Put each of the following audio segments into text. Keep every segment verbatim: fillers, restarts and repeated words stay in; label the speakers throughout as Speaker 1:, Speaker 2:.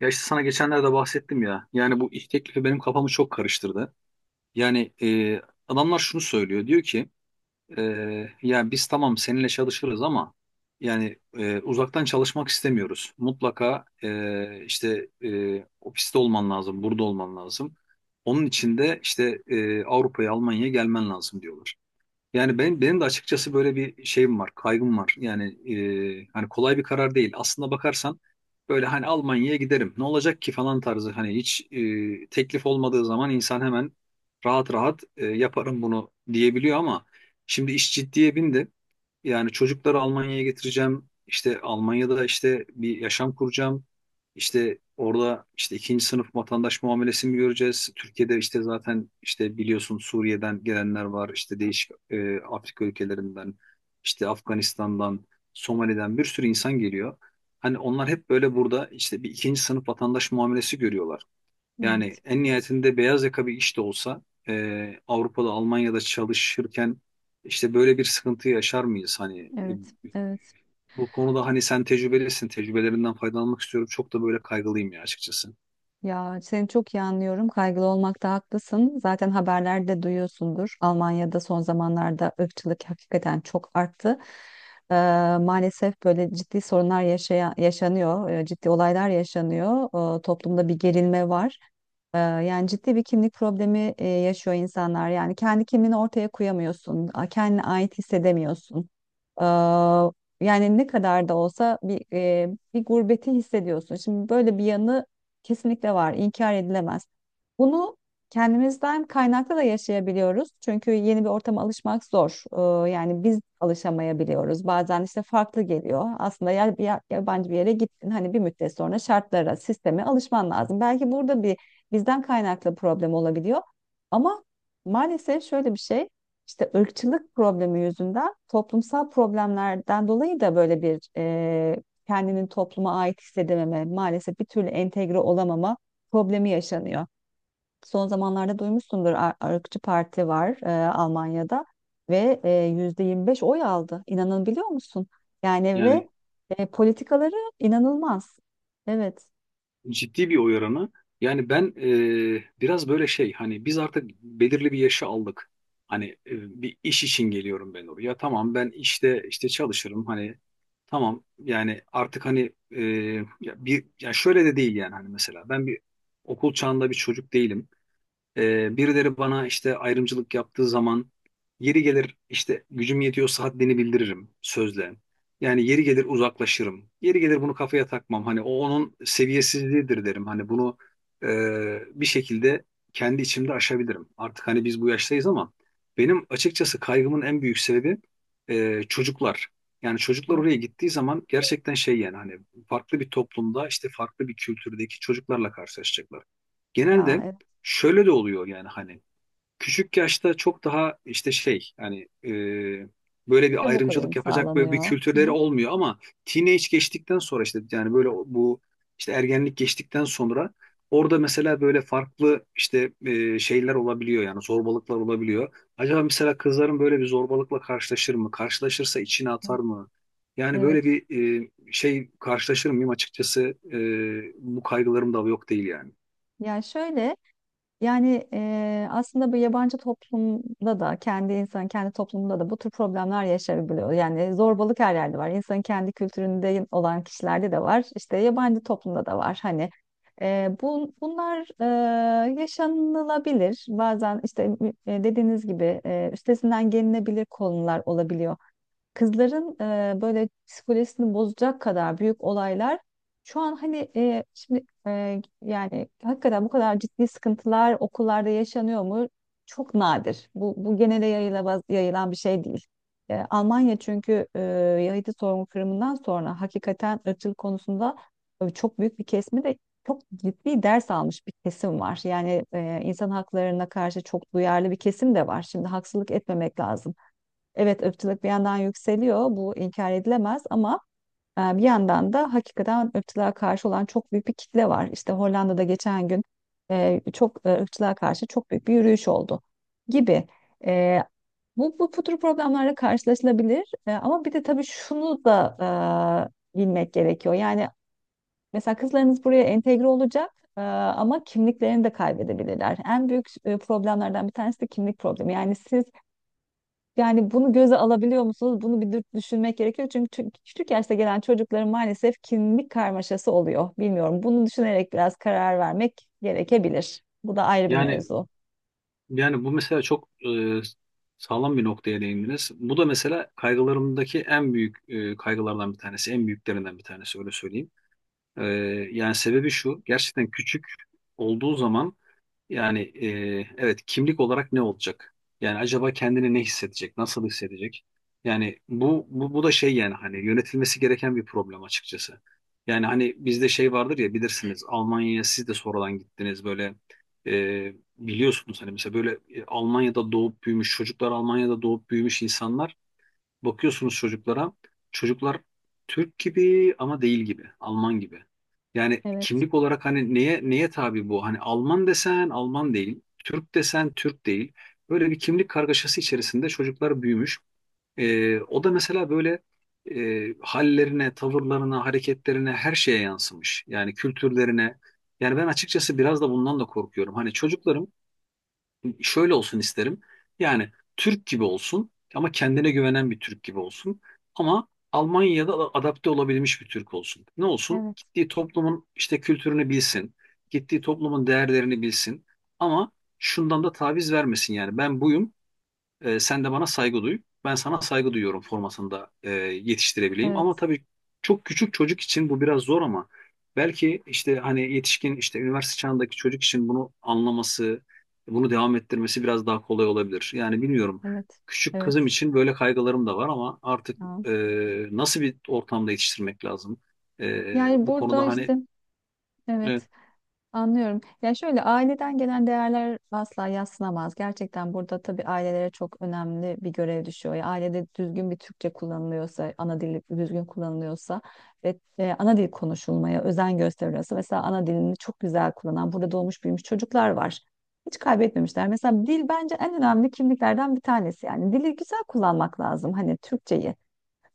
Speaker 1: Ya işte sana geçenlerde bahsettim ya. Yani bu ilk teklifi benim kafamı çok karıştırdı. Yani e, adamlar şunu söylüyor. Diyor ki e, ya biz tamam seninle çalışırız ama yani e, uzaktan çalışmak istemiyoruz. Mutlaka e, işte e, ofiste olman lazım, burada olman lazım. Onun için de işte e, Avrupa'ya, Almanya'ya gelmen lazım diyorlar. Yani ben benim de açıkçası böyle bir şeyim var, kaygım var. Yani e, hani kolay bir karar değil. Aslında bakarsan böyle hani Almanya'ya giderim. Ne olacak ki falan tarzı hani hiç e, teklif olmadığı zaman insan hemen rahat rahat e, yaparım bunu diyebiliyor ama şimdi iş ciddiye bindi. Yani çocukları Almanya'ya getireceğim. İşte Almanya'da işte bir yaşam kuracağım. İşte orada işte ikinci sınıf vatandaş muamelesi mi göreceğiz? Türkiye'de işte zaten işte biliyorsun Suriye'den gelenler var. İşte değişik e, Afrika ülkelerinden, işte Afganistan'dan, Somali'den bir sürü insan geliyor. Hani onlar hep böyle burada işte bir ikinci sınıf vatandaş muamelesi görüyorlar. Yani
Speaker 2: Evet,
Speaker 1: en nihayetinde beyaz yaka bir iş de olsa e, Avrupa'da, Almanya'da çalışırken işte böyle bir sıkıntı yaşar mıyız? Hani
Speaker 2: evet,
Speaker 1: e,
Speaker 2: evet.
Speaker 1: bu konuda hani sen tecrübelisin, tecrübelerinden faydalanmak istiyorum. Çok da böyle kaygılıyım ya açıkçası.
Speaker 2: Ya seni çok iyi anlıyorum. Kaygılı olmakta haklısın. Zaten haberlerde duyuyorsundur. Almanya'da son zamanlarda ırkçılık hakikaten çok arttı. Ee, Maalesef böyle ciddi sorunlar yaşaya- yaşanıyor. Ee, ciddi olaylar yaşanıyor. Ee, toplumda bir gerilme var. Ee, Yani ciddi bir kimlik problemi e, yaşıyor insanlar. Yani kendi kimliğini ortaya koyamıyorsun, a- kendine ait hissedemiyorsun. Ee, Yani ne kadar da olsa bir e, bir gurbeti hissediyorsun. Şimdi böyle bir yanı kesinlikle var, inkar edilemez. Bunu kendimizden kaynaklı da yaşayabiliyoruz. Çünkü yeni bir ortama alışmak zor. Ee, Yani biz alışamayabiliyoruz. Bazen işte farklı geliyor. Aslında ya, bir ya- yabancı bir yere gittin, hani bir müddet sonra şartlara, sisteme alışman lazım. Belki burada bir bizden kaynaklı problem olabiliyor. Ama maalesef şöyle bir şey, işte ırkçılık problemi yüzünden toplumsal problemlerden dolayı da böyle bir e, kendinin topluma ait hissedememe, maalesef bir türlü entegre olamama problemi yaşanıyor. Son zamanlarda duymuşsundur Ar- ırkçı parti var e, Almanya'da ve e, yüzde yirmi beş oy aldı. İnanabiliyor musun? Yani ve
Speaker 1: Yani
Speaker 2: e, politikaları inanılmaz. Evet.
Speaker 1: ciddi bir oy oranı. Yani ben e, biraz böyle şey hani biz artık belirli bir yaşı aldık. Hani e, bir iş için geliyorum ben oraya. Tamam ben işte işte çalışırım. Hani tamam yani artık hani e, ya bir ya şöyle de değil yani hani mesela ben bir okul çağında bir çocuk değilim. Ee, birileri bana işte ayrımcılık yaptığı zaman yeri gelir işte gücüm yetiyorsa haddini bildiririm sözle. Yani yeri gelir uzaklaşırım. Yeri gelir bunu kafaya takmam. Hani o onun seviyesizliğidir derim. Hani bunu e, bir şekilde kendi içimde aşabilirim. Artık hani biz bu yaştayız ama benim açıkçası kaygımın en büyük sebebi e, çocuklar. Yani çocuklar
Speaker 2: Evet.
Speaker 1: oraya gittiği zaman gerçekten şey yani hani farklı bir toplumda işte farklı bir kültürdeki çocuklarla karşılaşacaklar.
Speaker 2: Ya
Speaker 1: Genelde
Speaker 2: evet.
Speaker 1: şöyle de oluyor yani hani küçük yaşta çok daha işte şey hani e, böyle bir
Speaker 2: Çabuk
Speaker 1: ayrımcılık
Speaker 2: uyum
Speaker 1: yapacak böyle bir
Speaker 2: sağlanıyor. Hı
Speaker 1: kültürleri
Speaker 2: hı.
Speaker 1: olmuyor ama teenage geçtikten sonra işte yani böyle bu işte ergenlik geçtikten sonra orada mesela böyle farklı işte e, şeyler olabiliyor yani zorbalıklar olabiliyor. Acaba mesela kızların böyle bir zorbalıkla karşılaşır mı? Karşılaşırsa içine atar mı? Yani böyle
Speaker 2: Evet.
Speaker 1: bir e, şey karşılaşır mıyım açıkçası e, bu kaygılarım da yok değil yani.
Speaker 2: Ya şöyle yani e, aslında bu yabancı toplumda da kendi insan kendi toplumunda da bu tür problemler yaşayabiliyor. Yani zorbalık her yerde var. İnsanın kendi kültüründe olan kişilerde de var. İşte yabancı toplumda da var. Hani e, bu, bunlar e, yaşanılabilir. Bazen işte e, dediğiniz gibi e, üstesinden gelinebilir konular olabiliyor. Kızların e, böyle psikolojisini bozacak kadar büyük olaylar şu an hani e, şimdi e, yani hakikaten bu kadar ciddi sıkıntılar okullarda yaşanıyor mu? Çok nadir. Bu, bu genele yayılamaz, yayılan bir şey değil. E, Almanya çünkü e, Yahudi soykırımından sonra hakikaten ırkçılık konusunda e, çok büyük bir kesimi de çok ciddi ders almış bir kesim var. Yani e, insan haklarına karşı çok duyarlı bir kesim de var. Şimdi haksızlık etmemek lazım. Evet, ırkçılık bir yandan yükseliyor. Bu inkar edilemez ama e, bir yandan da hakikaten ırkçılığa karşı olan çok büyük bir kitle var. İşte Hollanda'da geçen gün e, çok e, ırkçılığa karşı çok büyük bir yürüyüş oldu gibi. E, Bu, bu bu tür problemlerle karşılaşılabilir. E, ama bir de tabii şunu da e, bilmek gerekiyor. Yani mesela kızlarınız buraya entegre olacak e, ama kimliklerini de kaybedebilirler. En büyük e, problemlerden bir tanesi de kimlik problemi. Yani siz yani bunu göze alabiliyor musunuz? Bunu bir dü- düşünmek gerekiyor. Çünkü tü- küçük yaşta gelen çocukların maalesef kimlik karmaşası oluyor. Bilmiyorum. Bunu düşünerek biraz karar vermek gerekebilir. Bu da ayrı bir
Speaker 1: Yani
Speaker 2: mevzu.
Speaker 1: Yani bu mesela çok e, sağlam bir noktaya değindiniz. Bu da mesela kaygılarımdaki en büyük e, kaygılardan bir tanesi, en büyüklerinden bir tanesi öyle söyleyeyim. E, Yani sebebi şu, gerçekten küçük olduğu zaman yani e, evet kimlik olarak ne olacak? Yani acaba kendini ne hissedecek? Nasıl hissedecek? Yani bu, bu bu da şey yani hani yönetilmesi gereken bir problem açıkçası. Yani hani bizde şey vardır ya bilirsiniz Almanya'ya siz de sonradan gittiniz böyle e, biliyorsunuz hani mesela böyle e, Almanya'da doğup büyümüş çocuklar Almanya'da doğup büyümüş insanlar. Bakıyorsunuz çocuklara. Çocuklar Türk gibi ama değil gibi. Alman gibi. Yani
Speaker 2: Evet,
Speaker 1: kimlik olarak hani neye neye tabi bu? Hani Alman desen Alman değil. Türk desen Türk değil. Böyle bir kimlik kargaşası içerisinde çocuklar büyümüş. Ee, o da mesela böyle e, hallerine, tavırlarına, hareketlerine her şeye yansımış. Yani kültürlerine. Yani ben açıkçası biraz da bundan da korkuyorum. Hani çocuklarım şöyle olsun isterim. Yani Türk gibi olsun ama kendine güvenen bir Türk gibi olsun. Ama Almanya'da da adapte olabilmiş bir Türk olsun. Ne olsun?
Speaker 2: evet,
Speaker 1: Gittiği toplumun işte kültürünü bilsin. Gittiği toplumun değerlerini bilsin. Ama şundan da taviz vermesin yani. Ben buyum, e, sen de bana saygı duy. Ben sana saygı duyuyorum formasında e, yetiştirebileyim. Ama
Speaker 2: evet,
Speaker 1: tabii çok küçük çocuk için bu biraz zor ama belki işte hani yetişkin işte üniversite çağındaki çocuk için bunu anlaması, bunu devam ettirmesi biraz daha kolay olabilir. Yani bilmiyorum.
Speaker 2: evet,
Speaker 1: Küçük kızım
Speaker 2: evet.
Speaker 1: için böyle kaygılarım da var ama artık e,
Speaker 2: Ya.
Speaker 1: nasıl bir ortamda yetiştirmek lazım? E,
Speaker 2: Yani
Speaker 1: bu konuda
Speaker 2: burada işte
Speaker 1: anladım. Hani
Speaker 2: evet. Anlıyorum. Ya şöyle aileden gelen değerler asla yadsınamaz. Gerçekten burada tabii ailelere çok önemli bir görev düşüyor. Ya ailede düzgün bir Türkçe kullanılıyorsa, ana dil düzgün kullanılıyorsa ve e, ana dil konuşulmaya özen gösteriliyorsa mesela ana dilini çok güzel kullanan, burada doğmuş büyümüş çocuklar var. Hiç kaybetmemişler. Mesela dil bence en önemli kimliklerden bir tanesi. Yani dili güzel kullanmak lazım. Hani Türkçeyi.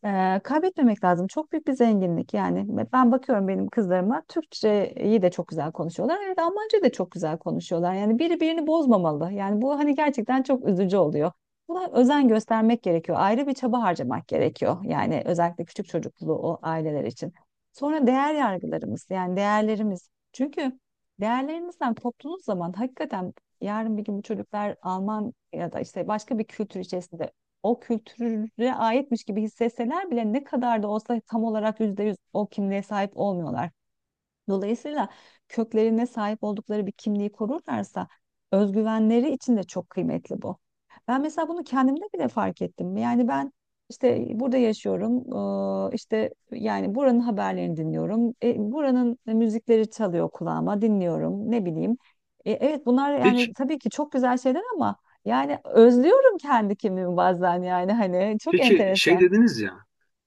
Speaker 2: Eee, kaybetmemek lazım. Çok büyük bir zenginlik yani. Ben bakıyorum benim kızlarıma Türkçeyi de çok güzel konuşuyorlar. Evet, Almancayı da çok güzel konuşuyorlar. Yani biri birini bozmamalı. Yani bu hani gerçekten çok üzücü oluyor. Buna özen göstermek gerekiyor. Ayrı bir çaba harcamak gerekiyor. Yani özellikle küçük çocuklu o aileler için. Sonra değer yargılarımız yani değerlerimiz. Çünkü değerlerimizden koptuğunuz zaman hakikaten yarın bir gün bu çocuklar Alman ya da işte başka bir kültür içerisinde o kültüre aitmiş gibi hissetseler bile ne kadar da olsa tam olarak yüzde yüz o kimliğe sahip olmuyorlar. Dolayısıyla köklerine sahip oldukları bir kimliği korurlarsa özgüvenleri için de çok kıymetli bu. Ben mesela bunu kendimde bile fark ettim. Yani ben işte burada yaşıyorum. eee, işte yani buranın haberlerini dinliyorum. E, buranın müzikleri çalıyor kulağıma, dinliyorum. Ne bileyim. E, evet, bunlar
Speaker 1: evet.
Speaker 2: yani tabii ki çok güzel şeyler ama yani özlüyorum kendi kimliğimi bazen yani hani çok
Speaker 1: Peki şey
Speaker 2: enteresan.
Speaker 1: dediniz ya,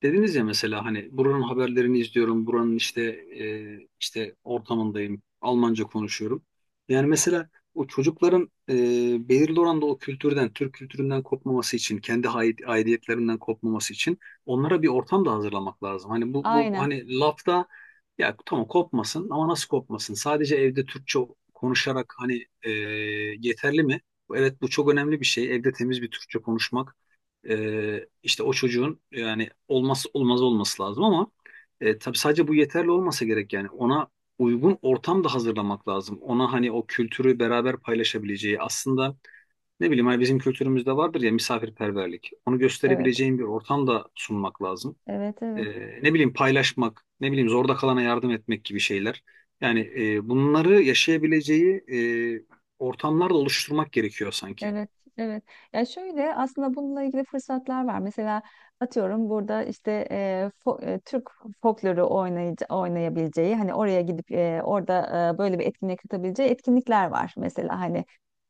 Speaker 1: dediniz ya mesela hani buranın haberlerini izliyorum, buranın işte e, işte ortamındayım, Almanca konuşuyorum. Yani mesela o çocukların e, belirli oranda o kültürden, Türk kültüründen kopmaması için, kendi hay- aidiyetlerinden kopmaması için onlara bir ortam da hazırlamak lazım. Hani bu, bu
Speaker 2: Aynen.
Speaker 1: hani lafta ya tamam kopmasın ama nasıl kopmasın? Sadece evde Türkçe konuşarak hani e, yeterli mi? Evet bu çok önemli bir şey. Evde temiz bir Türkçe konuşmak. Ee, işte o çocuğun yani olmazsa olmaz olması lazım ama e, tabii sadece bu yeterli olmasa gerek yani ona uygun ortam da hazırlamak lazım. Ona hani o kültürü beraber paylaşabileceği aslında ne bileyim hani bizim kültürümüzde vardır ya misafirperverlik. Onu
Speaker 2: Evet.
Speaker 1: gösterebileceğin bir ortam da sunmak lazım.
Speaker 2: Evet,
Speaker 1: Ee,
Speaker 2: evet.
Speaker 1: ne bileyim paylaşmak, ne bileyim zorda kalana yardım etmek gibi şeyler. Yani e, bunları yaşayabileceği e, ortamlar da oluşturmak gerekiyor sanki.
Speaker 2: Evet, evet. Ya şöyle aslında bununla ilgili fırsatlar var. Mesela atıyorum burada işte e, fo- e, Türk folkloru oynayıcı, oynayabileceği hani oraya gidip e, orada e, böyle bir etkinlik katabileceği etkinlikler var. Mesela hani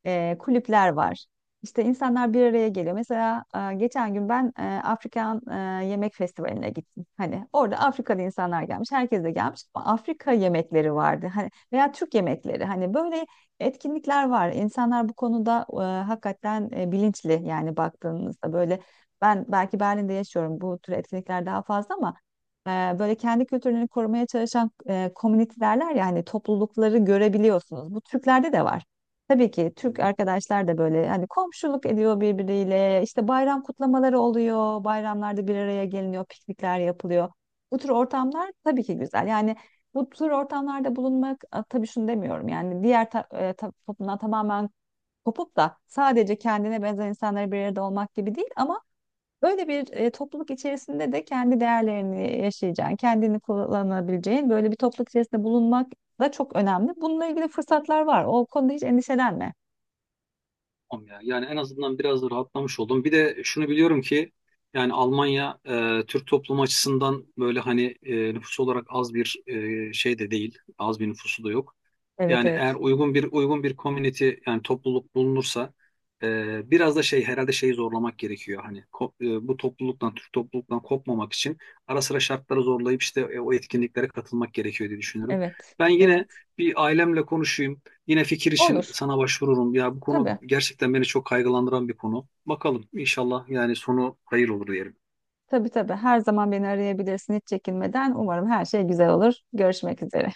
Speaker 2: e, kulüpler var. İşte insanlar bir araya geliyor. Mesela e, geçen gün ben e, Afrikan e, Yemek Festivali'ne gittim. Hani orada Afrikalı insanlar gelmiş, herkes de gelmiş ama Afrika yemekleri vardı. Hani veya Türk yemekleri. Hani böyle etkinlikler var. İnsanlar bu konuda e, hakikaten e, bilinçli yani baktığınızda böyle ben belki Berlin'de yaşıyorum bu tür etkinlikler daha fazla ama e, böyle kendi kültürlerini korumaya çalışan e, community derler ya hani toplulukları görebiliyorsunuz. Bu Türklerde de var. Tabii ki Türk arkadaşlar da böyle hani komşuluk ediyor birbiriyle, işte bayram kutlamaları oluyor, bayramlarda bir araya geliniyor, piknikler yapılıyor. Bu tür ortamlar tabii ki güzel yani bu tür ortamlarda bulunmak a, tabii şunu demiyorum yani diğer ta, e, ta- toplumdan tamamen kopup da sadece kendine benzer insanlara bir arada olmak gibi değil ama böyle bir e, topluluk içerisinde de kendi değerlerini yaşayacağın, kendini kullanabileceğin böyle bir topluluk içerisinde bulunmak da çok önemli. Bununla ilgili fırsatlar var. O konuda hiç endişelenme.
Speaker 1: Tamam ya. Yani en azından biraz da rahatlamış oldum. Bir de şunu biliyorum ki yani Almanya e, Türk toplumu açısından böyle hani e, nüfus olarak az bir e, şey de değil. Az bir nüfusu da yok.
Speaker 2: Evet,
Speaker 1: Yani eğer
Speaker 2: evet.
Speaker 1: uygun bir uygun bir community yani topluluk bulunursa e, biraz da şey herhalde şeyi zorlamak gerekiyor. Hani ko- e, bu topluluktan Türk topluluktan kopmamak için ara sıra şartları zorlayıp işte e, o etkinliklere katılmak gerekiyor diye düşünüyorum.
Speaker 2: Evet,
Speaker 1: Ben yine
Speaker 2: evet.
Speaker 1: bir ailemle konuşayım. Yine fikir için
Speaker 2: Olur.
Speaker 1: sana başvururum. Ya bu konu
Speaker 2: Tabii.
Speaker 1: gerçekten beni çok kaygılandıran bir konu. Bakalım inşallah yani sonu hayır olur diyelim.
Speaker 2: Tabii tabii. Her zaman beni arayabilirsin hiç çekinmeden. Umarım her şey güzel olur. Görüşmek üzere.